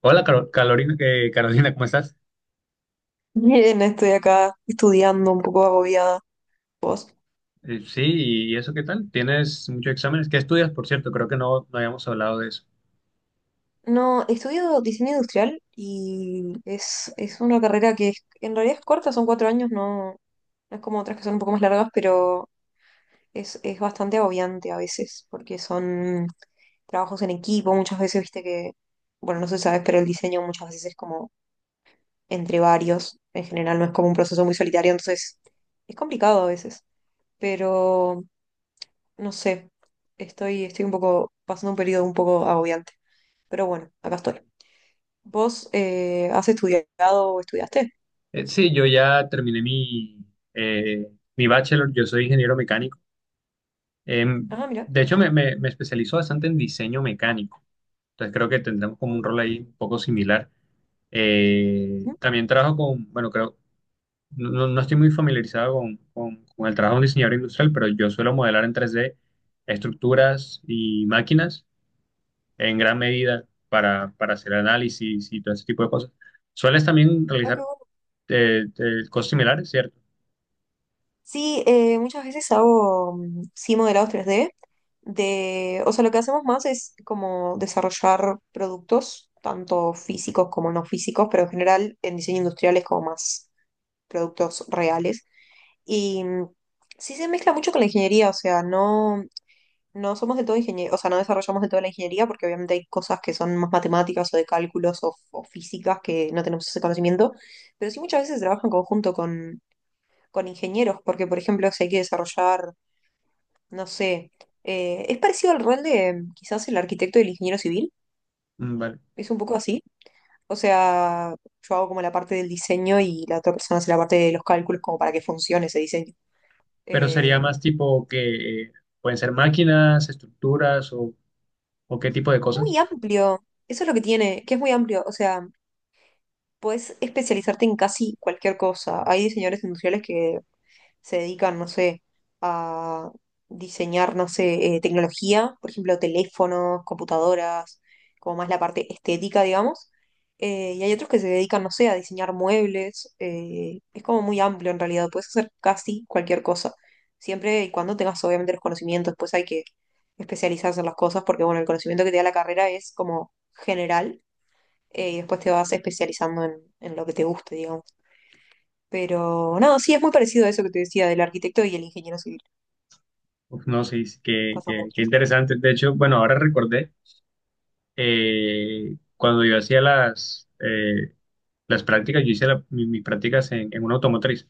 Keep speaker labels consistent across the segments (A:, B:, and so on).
A: Hola, Carolina, Carolina, ¿cómo estás?
B: Bien, estoy acá estudiando un poco agobiada. ¿Vos?
A: Eh, sí, ¿Y eso qué tal? ¿Tienes muchos exámenes? ¿Qué estudias, por cierto? Creo que no habíamos hablado de eso.
B: No, estudio diseño industrial y es una carrera que en realidad es corta, son 4 años, no, no es como otras que son un poco más largas, pero es bastante agobiante a veces, porque son trabajos en equipo, muchas veces, viste que, bueno, no sé si sabes, pero el diseño muchas veces es como entre varios, en general no es como un proceso muy solitario, entonces es complicado a veces, pero no sé, estoy un poco pasando un periodo un poco agobiante, pero bueno, acá estoy. ¿Vos has estudiado o estudiaste?
A: Sí, yo ya terminé eh, mi bachelor, yo soy ingeniero mecánico. Em,
B: Ah, mira.
A: de hecho, me especializo bastante en diseño mecánico, entonces creo que tendremos como
B: Ah,
A: un
B: mira.
A: rol ahí un poco similar.
B: Ujú.
A: También trabajo con, bueno, creo, no estoy muy familiarizado con, con el trabajo de un diseñador industrial, pero yo suelo modelar en 3D estructuras y máquinas, en gran medida para hacer análisis y todo ese tipo de cosas. ¿Sueles también
B: Ah, qué
A: realizar
B: bueno.
A: cosas similares, cierto?
B: Sí, muchas veces hago mm, sí modelados 3D. O sea, lo que hacemos más es como desarrollar productos, tanto físicos como no físicos, pero en general en diseño industrial es como más productos reales. Y sí se mezcla mucho con la ingeniería, o sea, no, somos de todo ingeniería, o sea, no desarrollamos de toda la ingeniería porque obviamente hay cosas que son más matemáticas o de cálculos o físicas que no tenemos ese conocimiento, pero sí muchas veces se trabaja en conjunto con ingenieros, porque por ejemplo si hay que desarrollar, no sé, es parecido al rol de quizás el arquitecto y el ingeniero civil,
A: Mm, vale.
B: es un poco así, o sea, yo hago como la parte del diseño y la otra persona hace la parte de los cálculos como para que funcione ese diseño.
A: Pero sería
B: Eh,
A: más tipo que pueden ser máquinas, estructuras o qué tipo de cosas.
B: Muy amplio, eso es lo que tiene, que es muy amplio, o sea, puedes especializarte en casi cualquier cosa. Hay diseñadores industriales que se dedican, no sé, a diseñar, no sé, tecnología, por ejemplo, teléfonos, computadoras, como más la parte estética, digamos. Y hay otros que se dedican, no sé, a diseñar muebles. Es como muy amplio en realidad, puedes hacer casi cualquier cosa. Siempre y cuando tengas obviamente los conocimientos, pues hay que especializarse en las cosas porque, bueno, el conocimiento que te da la carrera es como general y después te vas especializando en, lo que te guste, digamos. Pero no, sí, es muy parecido a eso que te decía del arquitecto y el ingeniero civil.
A: Uf, no sé, sí,
B: Pasa
A: qué
B: mucho.
A: interesante. De hecho, bueno, ahora recordé, cuando yo hacía las prácticas, yo hice mis prácticas en una automotriz.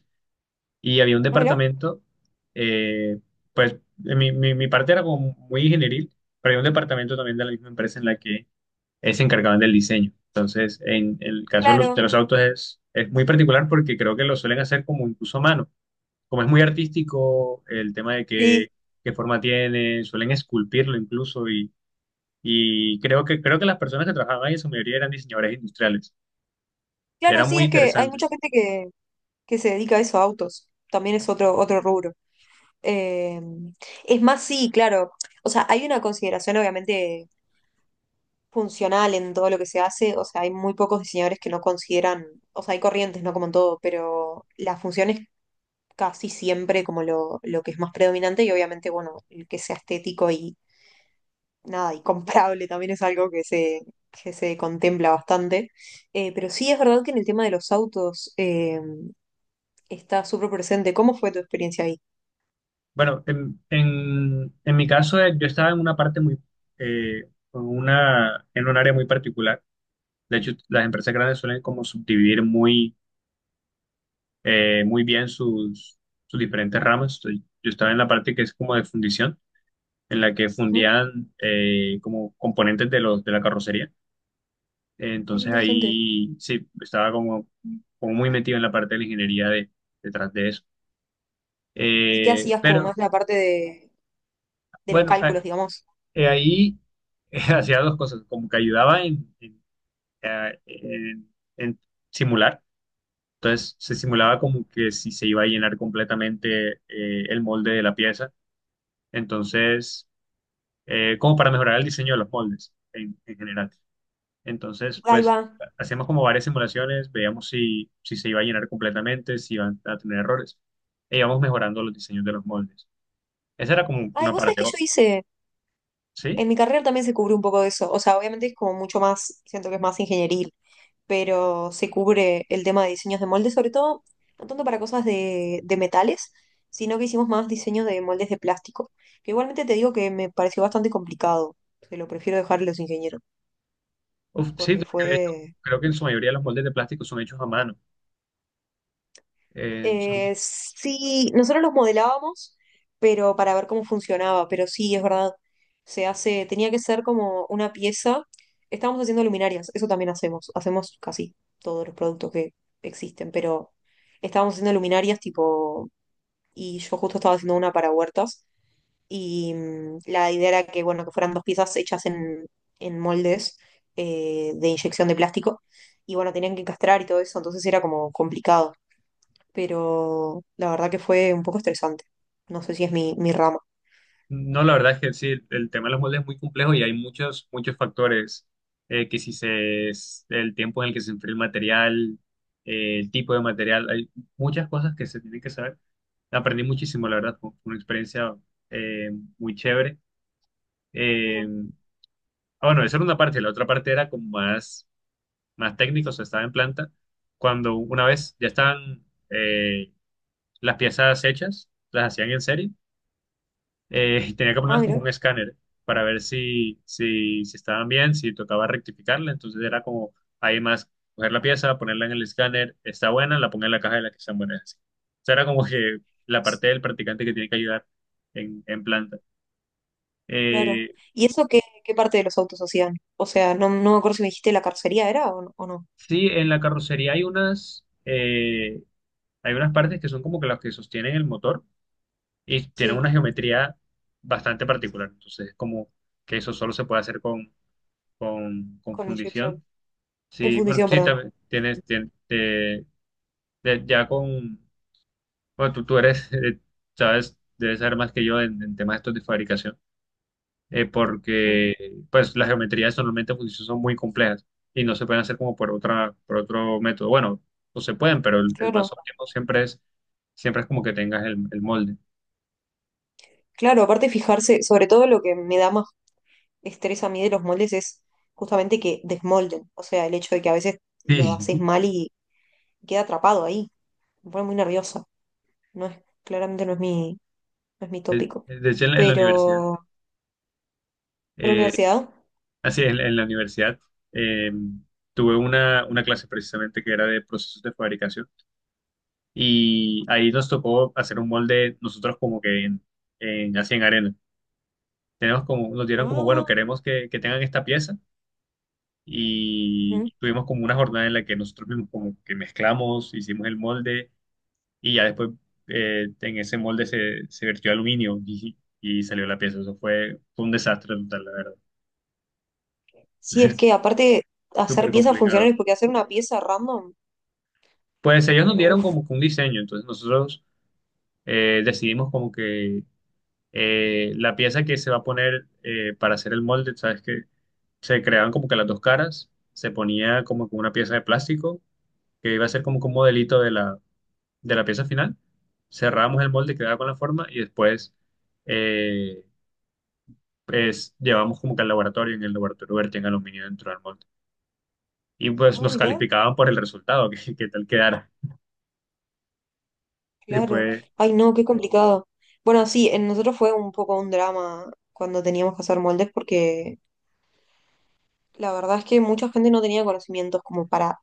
A: Y había un
B: Ah, mirá.
A: departamento, eh, pues mi parte era como muy ingenieril, pero había un departamento también de la misma empresa en la que se encargaban del diseño. Entonces, en el caso
B: Claro,
A: de los autos es muy particular porque creo que lo suelen hacer como incluso a mano. Como es muy artístico, el tema de
B: sí.
A: qué, qué forma tiene, suelen esculpirlo incluso y creo que las personas que trabajaban ahí, en su mayoría eran diseñadores industriales.
B: Claro,
A: Era
B: sí,
A: muy
B: es que hay
A: interesante.
B: mucha gente que, se dedica a eso, a autos. También es otro rubro. Eh, es más, sí, claro. O sea, hay una consideración obviamente funcional en todo lo que se hace. O sea, hay muy pocos diseñadores que no consideran, o sea, hay corrientes, no como en todo, pero las funciones casi siempre como lo, que es más predominante y obviamente, bueno, el que sea estético y nada, y comprable también es algo que se contempla bastante. Pero sí es verdad que en el tema de los autos está súper presente. ¿Cómo fue tu experiencia ahí?
A: Bueno, en mi caso, yo estaba en una parte muy, eh, con una, en un área muy particular. De hecho, las empresas grandes suelen como subdividir muy, muy bien sus, sus diferentes ramas. Entonces, yo estaba en la parte que es como de fundición, en la que
B: Ujú.
A: fundían como componentes de los, de la carrocería.
B: Ay, qué
A: Entonces
B: interesante.
A: ahí sí, estaba como, como muy metido en la parte de la ingeniería de, detrás de eso.
B: ¿Y qué hacías como
A: Pero
B: más la parte de los
A: bueno,
B: cálculos, digamos?
A: Ahí hacía dos cosas, como que ayudaba en, eh, en- en simular, entonces se simulaba como que si se iba a llenar completamente el molde de la pieza, entonces como para mejorar el diseño de los moldes en general. Entonces,
B: Ahí
A: pues
B: va.
A: hacíamos como varias simulaciones, veíamos si, si se iba a llenar completamente, si iban a tener errores, e íbamos mejorando los diseños de los moldes. Esa era como
B: Ay,
A: una
B: vos sabés
A: parte,
B: que yo hice,
A: ¿sí?
B: en mi carrera también se cubrió un poco de eso. O sea, obviamente es como mucho más, siento que es más ingeniería, pero se cubre el tema de diseños de moldes, sobre todo, no tanto para cosas de metales, sino que hicimos más diseño de moldes de plástico, que igualmente te digo que me pareció bastante complicado, que lo prefiero dejar a los ingenieros,
A: Uf, sí,
B: porque
A: creo que de hecho,
B: fue.
A: creo que en su mayoría los moldes de plástico son hechos a mano. Eh, son-
B: Sí, nosotros los modelábamos, pero para ver cómo funcionaba, pero sí, es verdad, se hace, tenía que ser como una pieza, estábamos haciendo luminarias, eso también hacemos, hacemos casi todos los productos que existen, pero estábamos haciendo luminarias tipo y yo justo estaba haciendo una para huertas y la idea era que, bueno, que fueran dos piezas hechas en, moldes de inyección de plástico y bueno, tenían que encastrar y todo eso, entonces era como complicado, pero la verdad que fue un poco estresante. No sé si es mi, rama.
A: no, la verdad es que sí, el tema de los moldes es muy complejo y hay muchos, muchos factores. Que si el tiempo en el que se enfría el material, el tipo de material, hay muchas cosas que se tienen que saber. Aprendí muchísimo, la verdad, fue una experiencia eh, muy chévere. Eh,
B: Ujú.
A: bueno, esa era una parte, la otra parte era como más, más técnica, o sea, estaba en planta. Cuando una vez ya estaban, las piezas hechas, las hacían en serie, y tenía que
B: Ah,
A: ponerlas como un
B: mira,
A: escáner para ver si, si, si estaban bien, si tocaba rectificarla, entonces era como ahí más coger la pieza, ponerla en el escáner, está buena, la pongo en la caja de las que están buenas. Así. O sea, era como que la parte del practicante que tiene que ayudar en planta.
B: claro.
A: Eh,
B: ¿Y eso qué parte de los autos hacían? O sea, no, no me acuerdo si me dijiste la carrocería era o no.
A: sí, en la carrocería hay unas partes que son como que las que sostienen el motor y tienen
B: Sí,
A: una geometría bastante particular, entonces es como que eso solo se puede hacer con, con
B: con inyección.
A: fundición.
B: En
A: Sí, bueno,
B: fundición,
A: sí,
B: perdón.
A: también tienes, ya con, bueno, tú eres, sabes, debes saber más que yo en temas estos de fabricación,
B: Ujú.
A: porque pues las geometrías normalmente en fundición son muy complejas y no se pueden hacer como por otra, por otro método. Bueno, no se pueden, pero el más
B: Claro.
A: óptimo siempre es como que tengas el molde.
B: Claro, aparte fijarse, sobre todo lo que me da más estrés a mí de los moldes es justamente que desmolden, o sea, el hecho de que a veces lo
A: Sí,
B: haces mal y queda atrapado ahí, me pone muy nerviosa, no es, claramente no es mi tópico,
A: de hecho en la universidad.
B: pero en la
A: eh,
B: universidad,
A: Así es, en la universidad eh, tuve una clase precisamente que era de procesos de fabricación y ahí nos tocó hacer un molde nosotros como que en, así en arena. Tenemos como, nos dieron como, bueno,
B: ah,
A: queremos que tengan esta pieza y
B: ujú.
A: tuvimos como una jornada en la que nosotros mismos como que mezclamos, hicimos el molde y ya después en ese molde se, se vertió aluminio y salió la pieza. Eso fue, fue un desastre total, la verdad.
B: Sí, es que aparte hacer
A: Súper
B: piezas
A: complicado.
B: funcionales, porque hacer una pieza random,
A: Pues ellos nos
B: pero
A: dieron
B: uff,
A: como que un diseño, entonces nosotros decidimos como que la pieza que se va a poner para hacer el molde, sabes que se creaban como que las dos caras, se ponía como que una pieza de plástico que iba a ser como que un modelito de la pieza final, cerramos el molde, quedaba con la forma y después eh, pues llevamos como que al laboratorio, en el laboratorio vertían aluminio dentro del molde y pues
B: ah,
A: nos
B: mirá,
A: calificaban por el resultado, que tal quedara. Sí,
B: claro,
A: fue,
B: ay no, qué complicado. Bueno, sí, en nosotros fue un poco un drama cuando teníamos que hacer moldes porque la verdad es que mucha gente no tenía conocimientos como para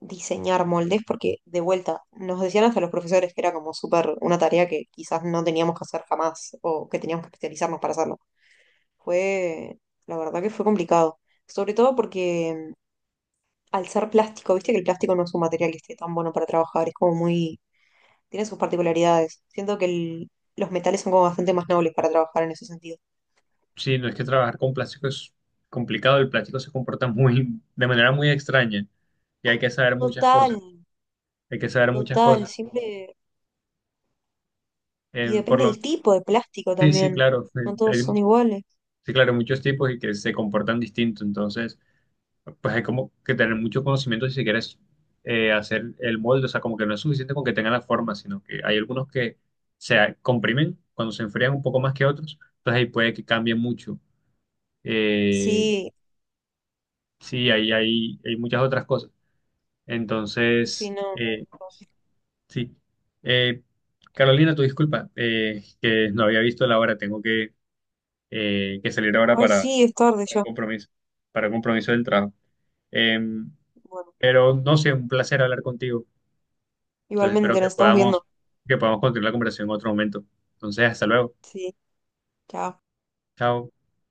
B: diseñar moldes, porque de vuelta nos decían hasta los profesores que era como súper una tarea que quizás no teníamos que hacer jamás o que teníamos que especializarnos para hacerlo. Fue, la verdad que fue complicado, sobre todo porque al ser plástico, viste que el plástico no es un material que esté tan bueno para trabajar, es como muy, tiene sus particularidades. Siento que los metales son como bastante más nobles para trabajar en ese sentido.
A: sí, no es que trabajar con plástico es complicado, el plástico se comporta muy, de manera muy extraña y hay que saber muchas
B: Total,
A: cosas, hay que saber muchas
B: total,
A: cosas.
B: siempre. Y
A: Eh, por
B: depende
A: lo,
B: del tipo de plástico
A: sí, sí,
B: también.
A: claro,
B: No todos
A: hay,
B: son iguales.
A: sí, claro, muchos tipos y que se comportan distinto, entonces, pues hay como que tener mucho conocimiento si se quieres hacer el molde, o sea, como que no es suficiente con que tengan la forma, sino que hay algunos que se comprimen cuando se enfrían un poco más que otros, entonces ahí puede que cambie mucho. Eh,
B: Sí,
A: sí, ahí hay, hay muchas otras cosas.
B: sí,
A: Entonces,
B: no.
A: sí. Eh, Carolina, tu disculpa, que no había visto la hora. Tengo que salir ahora
B: Ay, sí, es tarde
A: para un
B: ya.
A: compromiso, para un compromiso del trabajo. Em,
B: Bueno,
A: pero no sé, un placer hablar contigo. Entonces, espero
B: igualmente nos estamos viendo.
A: que podamos continuar la conversación en otro momento. Entonces, hasta luego.
B: Sí, chao.
A: Chao.